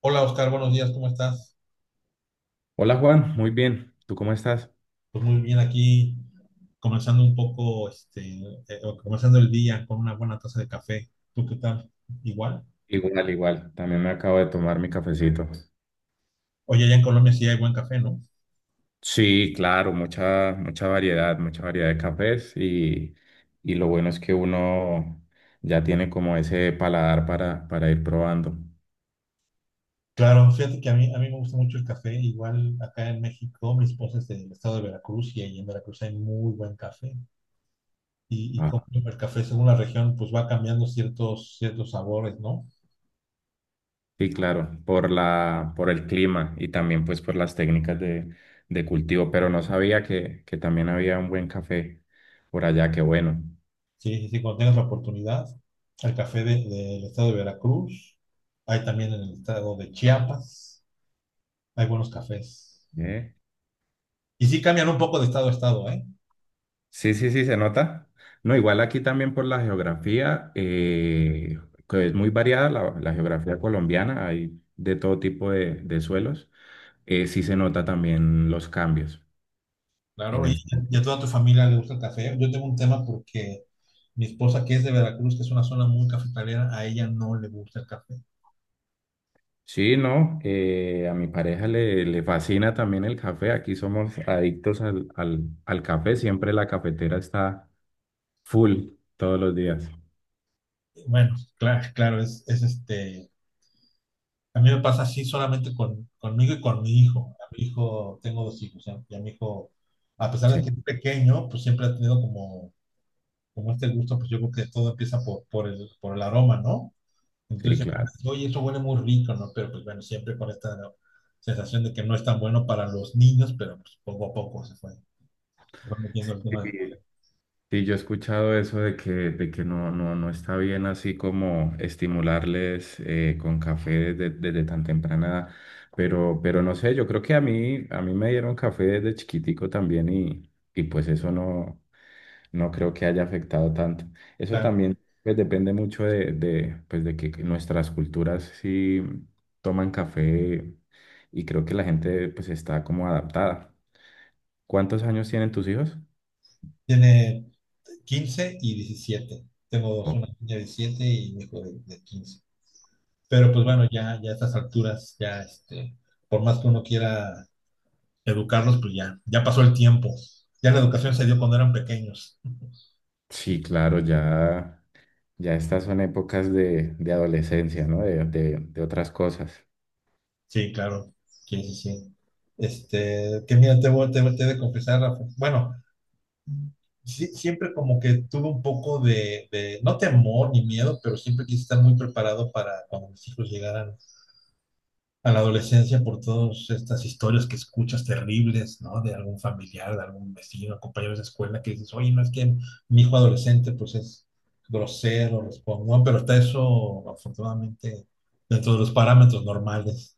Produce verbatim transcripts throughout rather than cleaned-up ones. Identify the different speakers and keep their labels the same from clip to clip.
Speaker 1: Hola Oscar, buenos días, ¿cómo estás?
Speaker 2: Hola Juan, muy bien. ¿Tú cómo estás?
Speaker 1: Pues muy bien aquí, comenzando un poco, este, eh, o comenzando el día con una buena taza de café. ¿Tú qué tal? Igual.
Speaker 2: Igual, igual. También me acabo de tomar mi cafecito.
Speaker 1: Oye, allá en Colombia sí hay buen café, ¿no?
Speaker 2: Sí, claro, mucha, mucha variedad, mucha variedad de cafés y, y lo bueno es que uno ya tiene como ese paladar para, para ir probando.
Speaker 1: Claro, fíjate que a mí, a mí me gusta mucho el café. Igual acá en México, mi esposa es del estado de Veracruz y ahí en Veracruz hay muy buen café. Y, y
Speaker 2: Ah,
Speaker 1: como el café según la región, pues va cambiando ciertos, ciertos sabores, ¿no?
Speaker 2: sí, claro, por la, por el clima y también pues por las técnicas de, de cultivo, pero no sabía que, que también había un buen café por allá, qué bueno.
Speaker 1: Sí, sí, sí, cuando tengas la oportunidad, al café de- del estado de Veracruz, hay también en el estado de Chiapas, hay buenos cafés.
Speaker 2: ¿Eh?
Speaker 1: Y sí cambian un poco de estado a estado, ¿eh?
Speaker 2: Sí, sí, sí, se nota. No, igual aquí también por la geografía, eh, que es muy variada la, la geografía colombiana, hay de todo tipo de, de suelos. Eh, sí se nota también los cambios
Speaker 1: Claro.
Speaker 2: en
Speaker 1: Oye,
Speaker 2: el...
Speaker 1: ¿y a toda tu familia le gusta el café? Yo tengo un tema porque mi esposa, que es de Veracruz, que es una zona muy cafetalera, a ella no le gusta el café.
Speaker 2: Sí, no, eh, a mi pareja le, le fascina también el café. Aquí somos adictos al, al, al café, siempre la cafetera está full todos los días.
Speaker 1: Bueno, claro, claro, es, es este... A mí me pasa así solamente con, conmigo y con mi hijo. A mi hijo, tengo dos hijos, y y a mi hijo, a pesar de
Speaker 2: Sí,
Speaker 1: que es pequeño, pues siempre ha tenido como como este gusto, pues yo creo que todo empieza por, por el, por el aroma, ¿no? Entonces
Speaker 2: sí,
Speaker 1: siempre, me
Speaker 2: claro.
Speaker 1: dicen, oye, eso huele muy rico, ¿no? Pero pues bueno, siempre con esta sensación de que no es tan bueno para los niños, pero pues poco a poco se fue fue metiendo el tema.
Speaker 2: Sí. Sí, yo he escuchado eso de que, de que no, no, no está bien así como estimularles eh, con café desde, desde tan temprana edad, pero, pero no sé, yo creo que a mí, a mí me dieron café desde chiquitico también y, y pues eso no, no creo que haya afectado tanto. Eso
Speaker 1: Claro,
Speaker 2: también pues, depende mucho de, de, pues, de que nuestras culturas sí toman café y creo que la gente pues está como adaptada. ¿Cuántos años tienen tus hijos?
Speaker 1: tiene quince y diecisiete. Tengo dos,
Speaker 2: Oh.
Speaker 1: una niña de diecisiete y un hijo de, de quince. Pero pues bueno, ya, ya a estas alturas, ya este, por más que uno quiera educarlos, pues ya, ya pasó el tiempo. Ya la educación se dio cuando eran pequeños.
Speaker 2: Sí, claro, ya. Ya estas son épocas de, de adolescencia, ¿no? De, de- de otras cosas.
Speaker 1: Sí, claro. Sí, sí, sí. Este, que mira, te voy, te, voy- te he de confesar, Rafa. Bueno, sí, siempre como que tuve un poco de, de, no temor ni miedo, pero siempre quise estar muy preparado para cuando mis hijos llegaran a la adolescencia por todas estas historias que escuchas terribles, ¿no? De algún familiar, de algún vecino, compañeros de escuela que dices, oye, no es que mi hijo adolescente pues es grosero, responde, ¿no? Pero está eso, afortunadamente, dentro de los parámetros normales.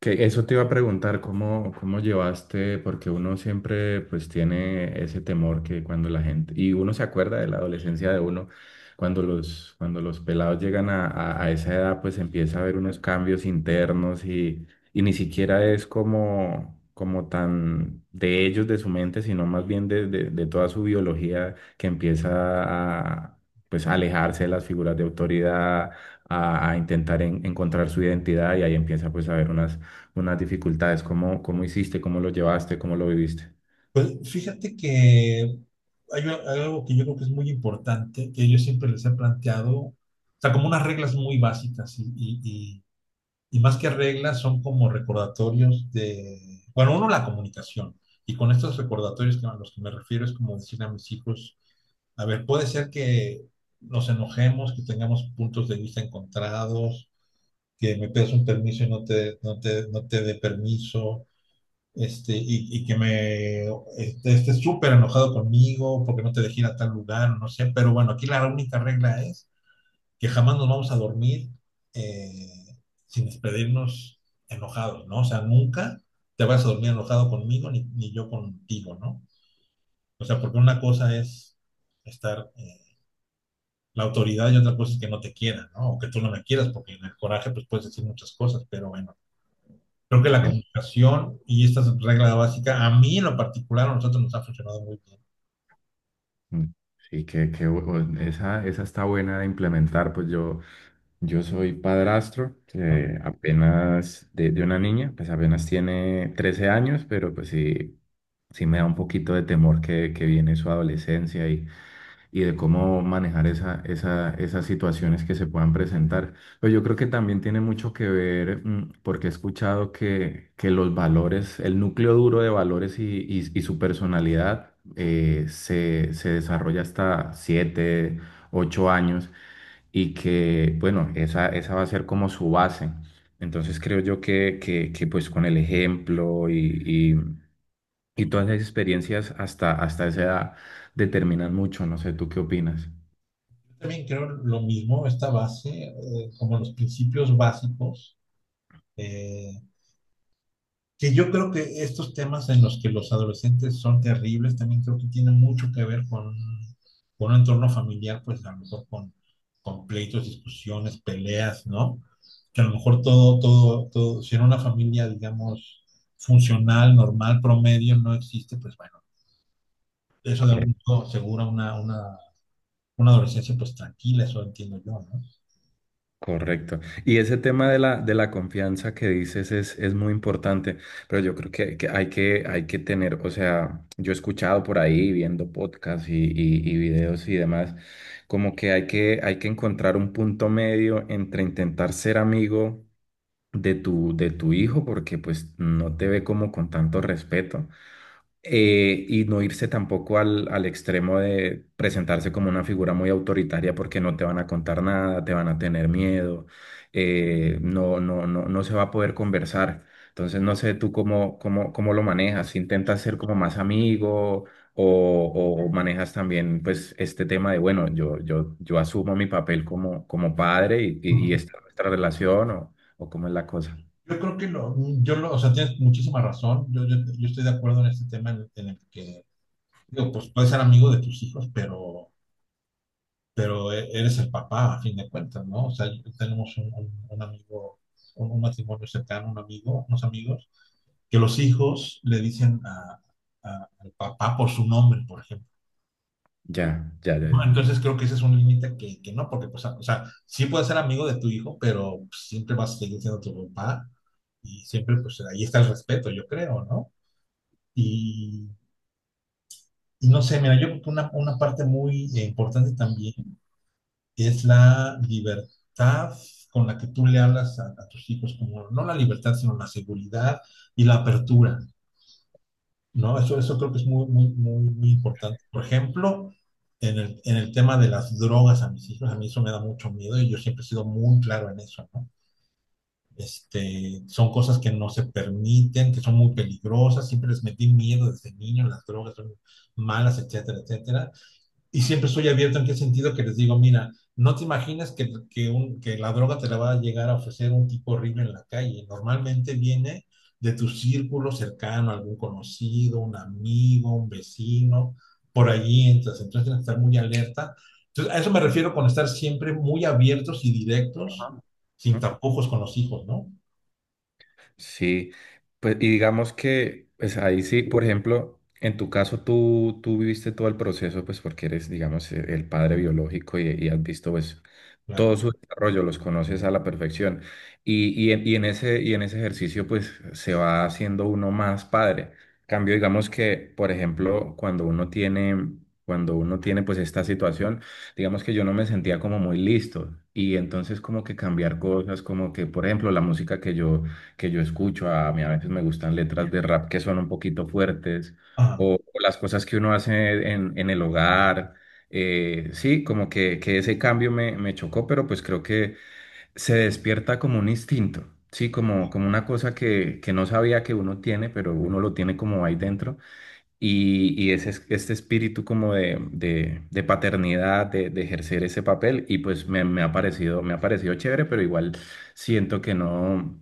Speaker 2: Que eso te iba a preguntar, ¿cómo, cómo llevaste? Porque uno siempre pues tiene ese temor que cuando la gente, y uno se acuerda de la adolescencia de uno, cuando los, cuando los pelados llegan a, a- a esa edad pues empieza a haber unos cambios internos y, y ni siquiera es como, como tan de ellos, de su mente, sino más bien de, de, de toda su biología que empieza a pues alejarse de las figuras de autoridad a, a intentar en- encontrar su identidad y ahí empieza pues a haber unas unas dificultades, cómo, cómo hiciste, cómo lo llevaste, cómo lo viviste.
Speaker 1: Pues fíjate que hay, a- hay algo que yo creo que es muy importante, que yo siempre les he planteado, o sea, como unas reglas muy básicas y, y- y- y más que reglas son como recordatorios de, bueno, uno, la comunicación. Y con estos recordatorios que, a los que me refiero es como decir a mis hijos, a ver, puede ser que nos enojemos, que tengamos puntos de vista encontrados, que me pidas un permiso y no te, no te, no te dé permiso este, y, y que me este, esté súper enojado conmigo porque no te dejé ir a tal lugar, no sé, pero bueno, aquí la única regla es que jamás nos vamos a dormir eh, sin despedirnos enojados, ¿no? O sea, nunca te vas a dormir enojado conmigo ni, ni yo contigo, ¿no? O sea, porque una cosa es estar eh, la autoridad y otra cosa es que no te quieran, ¿no? O que tú no me quieras, porque en el coraje pues puedes decir muchas cosas, pero bueno, creo que la
Speaker 2: Em,
Speaker 1: comunicación y esta regla básica, a mí en lo particular, a nosotros nos ha funcionado muy bien.
Speaker 2: mm, Sí, que, que bu- bu- esa, esa está buena de implementar, pues yo, yo soy padrastro, eh, apenas de, de una niña, pues apenas tiene trece años, pero pues sí, sí me da un poquito de temor que, que viene su adolescencia y y de cómo manejar esa, esa- esas situaciones que se puedan presentar. Pero yo creo que también tiene mucho que ver, mm, porque he escuchado que, que los valores, el núcleo duro de valores y, y- y su personalidad eh, se, se desarrolla hasta siete, ocho años y que, bueno, esa, esa va a ser como su base. Entonces creo yo que, que, que pues con el ejemplo y, y, y todas las experiencias hasta, hasta esa edad determinan mucho. No sé, ¿tú qué opinas?
Speaker 1: Yo también creo lo mismo, esta base, eh, como los principios básicos, eh, que yo creo que estos temas en los que los adolescentes son terribles, también creo que tienen mucho que ver con, con un entorno familiar, pues a lo mejor con, con pleitos, discusiones, peleas, ¿no? Que a lo mejor todo, todo, todo, si en una familia, digamos, funcional, normal, promedio, no existe, pues bueno, eso de
Speaker 2: Cor-
Speaker 1: algún modo asegura una, una, una adolescencia pues tranquila, eso entiendo yo, ¿no?
Speaker 2: Correcto. Y ese tema de la, de la confianza que dices es, es muy importante, pero yo creo que, que hay que hay que tener, o sea, yo he escuchado por ahí viendo podcasts y, y- y videos y demás, como que hay que hay que encontrar un punto medio entre intentar ser amigo de tu, de tu hijo, porque pues no te ve como con tanto respeto eh, y no irse tampoco al, al extremo de presentarse como una figura muy autoritaria porque no te van a contar nada, te van a tener miedo, eh, no, no, no, no se va a poder conversar. Entonces no sé tú cómo, cómo, cómo lo manejas, intentas ser como más amigo o, o manejas también pues este tema de, bueno, yo, yo, yo asumo mi papel como, como padre y, y, y
Speaker 1: Ujú.
Speaker 2: esta es nuestra relación o, o cómo es la cosa.
Speaker 1: Yo creo que lo, yo lo, o sea, tienes muchísima razón. Yo, yo, yo estoy de acuerdo en este tema en, en el que, digo, pues puedes ser amigo de tus hijos, pero, pero e- eres el papá a fin de cuentas, ¿no? O sea, yo- tenemos un, un- un amigo, un, un matrimonio cercano, un amigo, unos amigos, que los hijos le dicen a- a- al papá por su nombre, por ejemplo.
Speaker 2: Ya, ya, ya,
Speaker 1: ¿No?
Speaker 2: ya.
Speaker 1: Entonces creo que ese es un límite que, que no, porque, pues, o sea, sí puedes ser amigo de tu hijo, pero pues, siempre vas a seguir siendo tu papá y siempre, pues, ahí está el respeto, yo creo, ¿no? Y, y no sé, mira, yo creo que una, una, parte muy eh, importante también es la libertad con la que tú le hablas a, a tus hijos, como no la libertad, sino la seguridad y la apertura, ¿no? Eso, eso creo que es muy, muy, muy, muy importante. Por ejemplo, en el, en el tema de las drogas a mis hijos, a mí eso me da mucho miedo y yo siempre he sido muy claro en eso, ¿no? Este, son cosas que no se permiten, que son muy peligrosas, siempre les metí miedo desde niño, las drogas son malas, etcétera, etcétera, y siempre estoy abierto en qué sentido que les digo, mira, no te imaginas que, que, un, que la droga te la va a llegar a ofrecer un tipo horrible en la calle. Normalmente viene de tu círculo cercano, algún conocido, un amigo, un vecino, por allí entras. Entonces tienes que estar muy alerta. Entonces, a eso me refiero con estar siempre muy abiertos y directos, sin
Speaker 2: Ajá.
Speaker 1: tapujos con los hijos, ¿no?
Speaker 2: Sí, pues y digamos que pues ahí sí, por ejemplo, en tu caso tú, tú viviste todo el proceso, pues porque eres, digamos, e- el padre biológico y, y has visto pues todo
Speaker 1: Claro.
Speaker 2: su desarrollo, los conoces a la perfección. Y, y en, y en ese, y en ese ejercicio, pues se va haciendo uno más padre. Cambio, digamos que, por ejemplo, cuando uno tiene, cuando uno tiene pues esta situación, digamos que yo no me sentía como muy listo. Y entonces como que cambiar cosas, como que, por ejemplo, la música que yo, que yo escucho, a mí a veces me gustan letras de rap que son un poquito fuertes,
Speaker 1: Ajá,
Speaker 2: o, o las cosas que uno hace en, en el hogar eh, sí, como que, que ese cambio me, me chocó, pero pues creo que se despierta como un instinto, sí, como, como una cosa que, que no sabía que uno tiene, pero uno lo tiene como ahí dentro. Y, y ese, es- este espíritu como de, de- de paternidad, de, de ejercer ese papel, y pues me, me ha parecido, me ha parecido chévere, pero igual siento que no,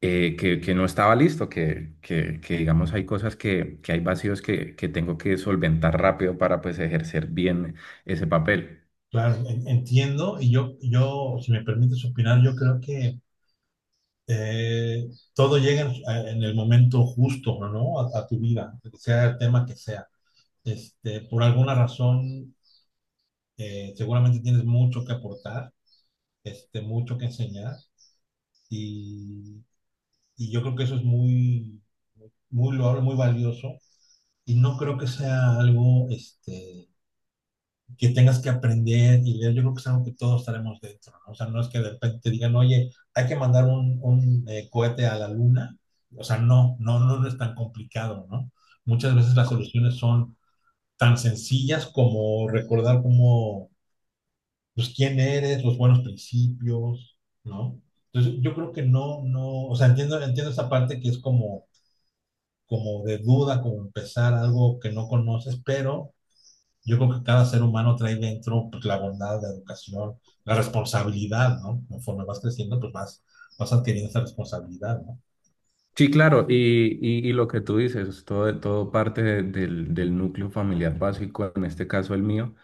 Speaker 2: eh, que, que no estaba listo, que, que, que, digamos hay cosas que, que hay vacíos que, que tengo que solventar rápido para pues ejercer bien ese papel.
Speaker 1: claro, en- entiendo. Y yo, yo, si me permites opinar, yo creo que eh, todo llega en, eh, en el momento justo, ¿no? A, a tu vida, sea el tema que sea. Este, por alguna razón, eh, seguramente tienes mucho que aportar, este, mucho que enseñar, y, y yo creo que eso es muy, muy loable, muy valioso, y no creo que sea algo, este, que tengas que aprender y leer, yo creo que es algo que todos estaremos dentro, ¿no? O sea, no es que de repente digan, oye, hay que mandar un, un eh, cohete a la luna. O sea, no, no, no no es tan complicado, ¿no? Muchas veces las soluciones son tan sencillas como recordar como, pues, quién eres, los buenos principios, ¿no? Entonces, yo creo que no, no, o sea, entiendo, entiendo esa parte que es como, como de duda, como empezar algo que no conoces, pero yo creo que cada ser humano trae dentro pues, la bondad, la educación, la responsabilidad, ¿no? Conforme vas creciendo, pues vas, vas adquiriendo esa responsabilidad, ¿no?
Speaker 2: Sí, claro, y, y, y lo que tú dices, todo, todo parte de- del, del núcleo familiar básico, en este caso el mío.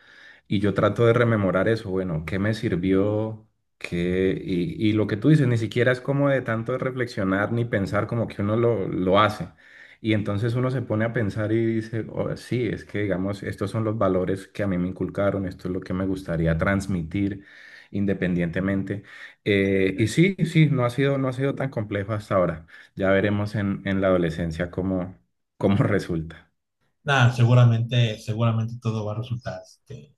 Speaker 2: Y yo trato de rememorar eso, bueno, ¿qué me sirvió? ¿Qué? Y, y lo que tú dices, ni siquiera es como de tanto de reflexionar ni pensar como que uno lo, lo hace. Y entonces uno se pone a pensar y dice, "Oh, sí, es que digamos, estos son los valores que a mí me inculcaron, esto es lo que me gustaría transmitir independientemente." Eh, y sí, sí, no ha sido, no ha sido tan complejo hasta ahora. Ya veremos en, en la adolescencia cómo, cómo resulta.
Speaker 1: Nada, seguramente, seguramente todo va a resultar, este,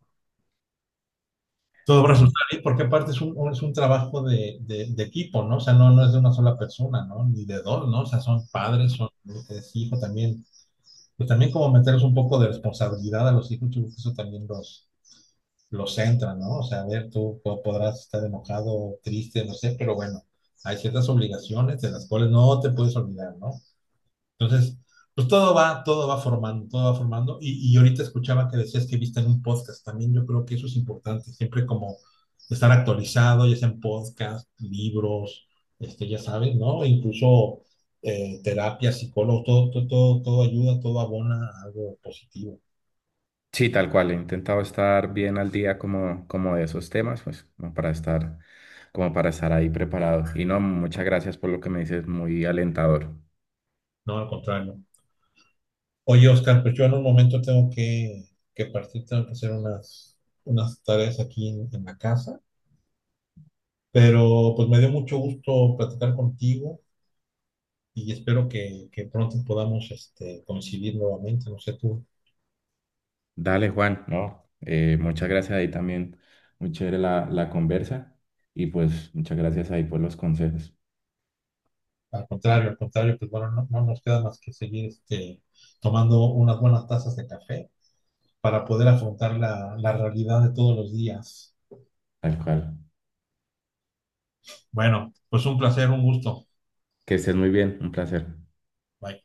Speaker 1: todo va a resultar bien, porque aparte es un, un- es un trabajo de, de, de equipo, ¿no? O sea, no, no es de una sola persona, ¿no? Ni de dos, ¿no? O sea, son padres, son es hijo también. Pues también como meterles un poco de responsabilidad a los hijos, yo creo que eso también los, lo centran, ¿no? O sea, a ver, tú po- podrás estar enojado, triste, no sé, pero bueno, hay ciertas obligaciones de las cuales no te puedes olvidar, ¿no? Entonces, pues todo va, todo va formando, todo va formando. Y, y ahorita escuchaba que decías que viste en un podcast, también yo creo que eso es importante, siempre como estar actualizado, ya sea en podcast, libros, este, ya sabes, ¿no? Incluso eh, terapia, psicólogo, todo, todo, todo, todo ayuda, todo abona a algo positivo,
Speaker 2: Sí, tal cual, he intentado estar bien al día como, como de esos temas, pues, como para estar, como para estar ahí preparado. Y no, muchas gracias por lo que me dices, muy alentador.
Speaker 1: no al contrario. Oye, Oscar, pues yo en un momento tengo que, que partir, tengo que hacer unas, unas tareas aquí en, en la casa, pero pues me dio mucho gusto platicar contigo y espero que, que pronto podamos este, coincidir nuevamente, no sé tú,
Speaker 2: Dale, Juan, no, eh, muchas gracias ahí también, muy chévere la, la conversa y pues muchas gracias ahí por los consejos,
Speaker 1: al contrario, al contrario, pues bueno, no, no nos queda más que seguir este, tomando unas buenas tazas de café para poder afrontar la, la realidad de todos los días.
Speaker 2: tal cual.
Speaker 1: Bueno, pues un placer, un gusto.
Speaker 2: Que estés muy bien, un placer.
Speaker 1: Bye.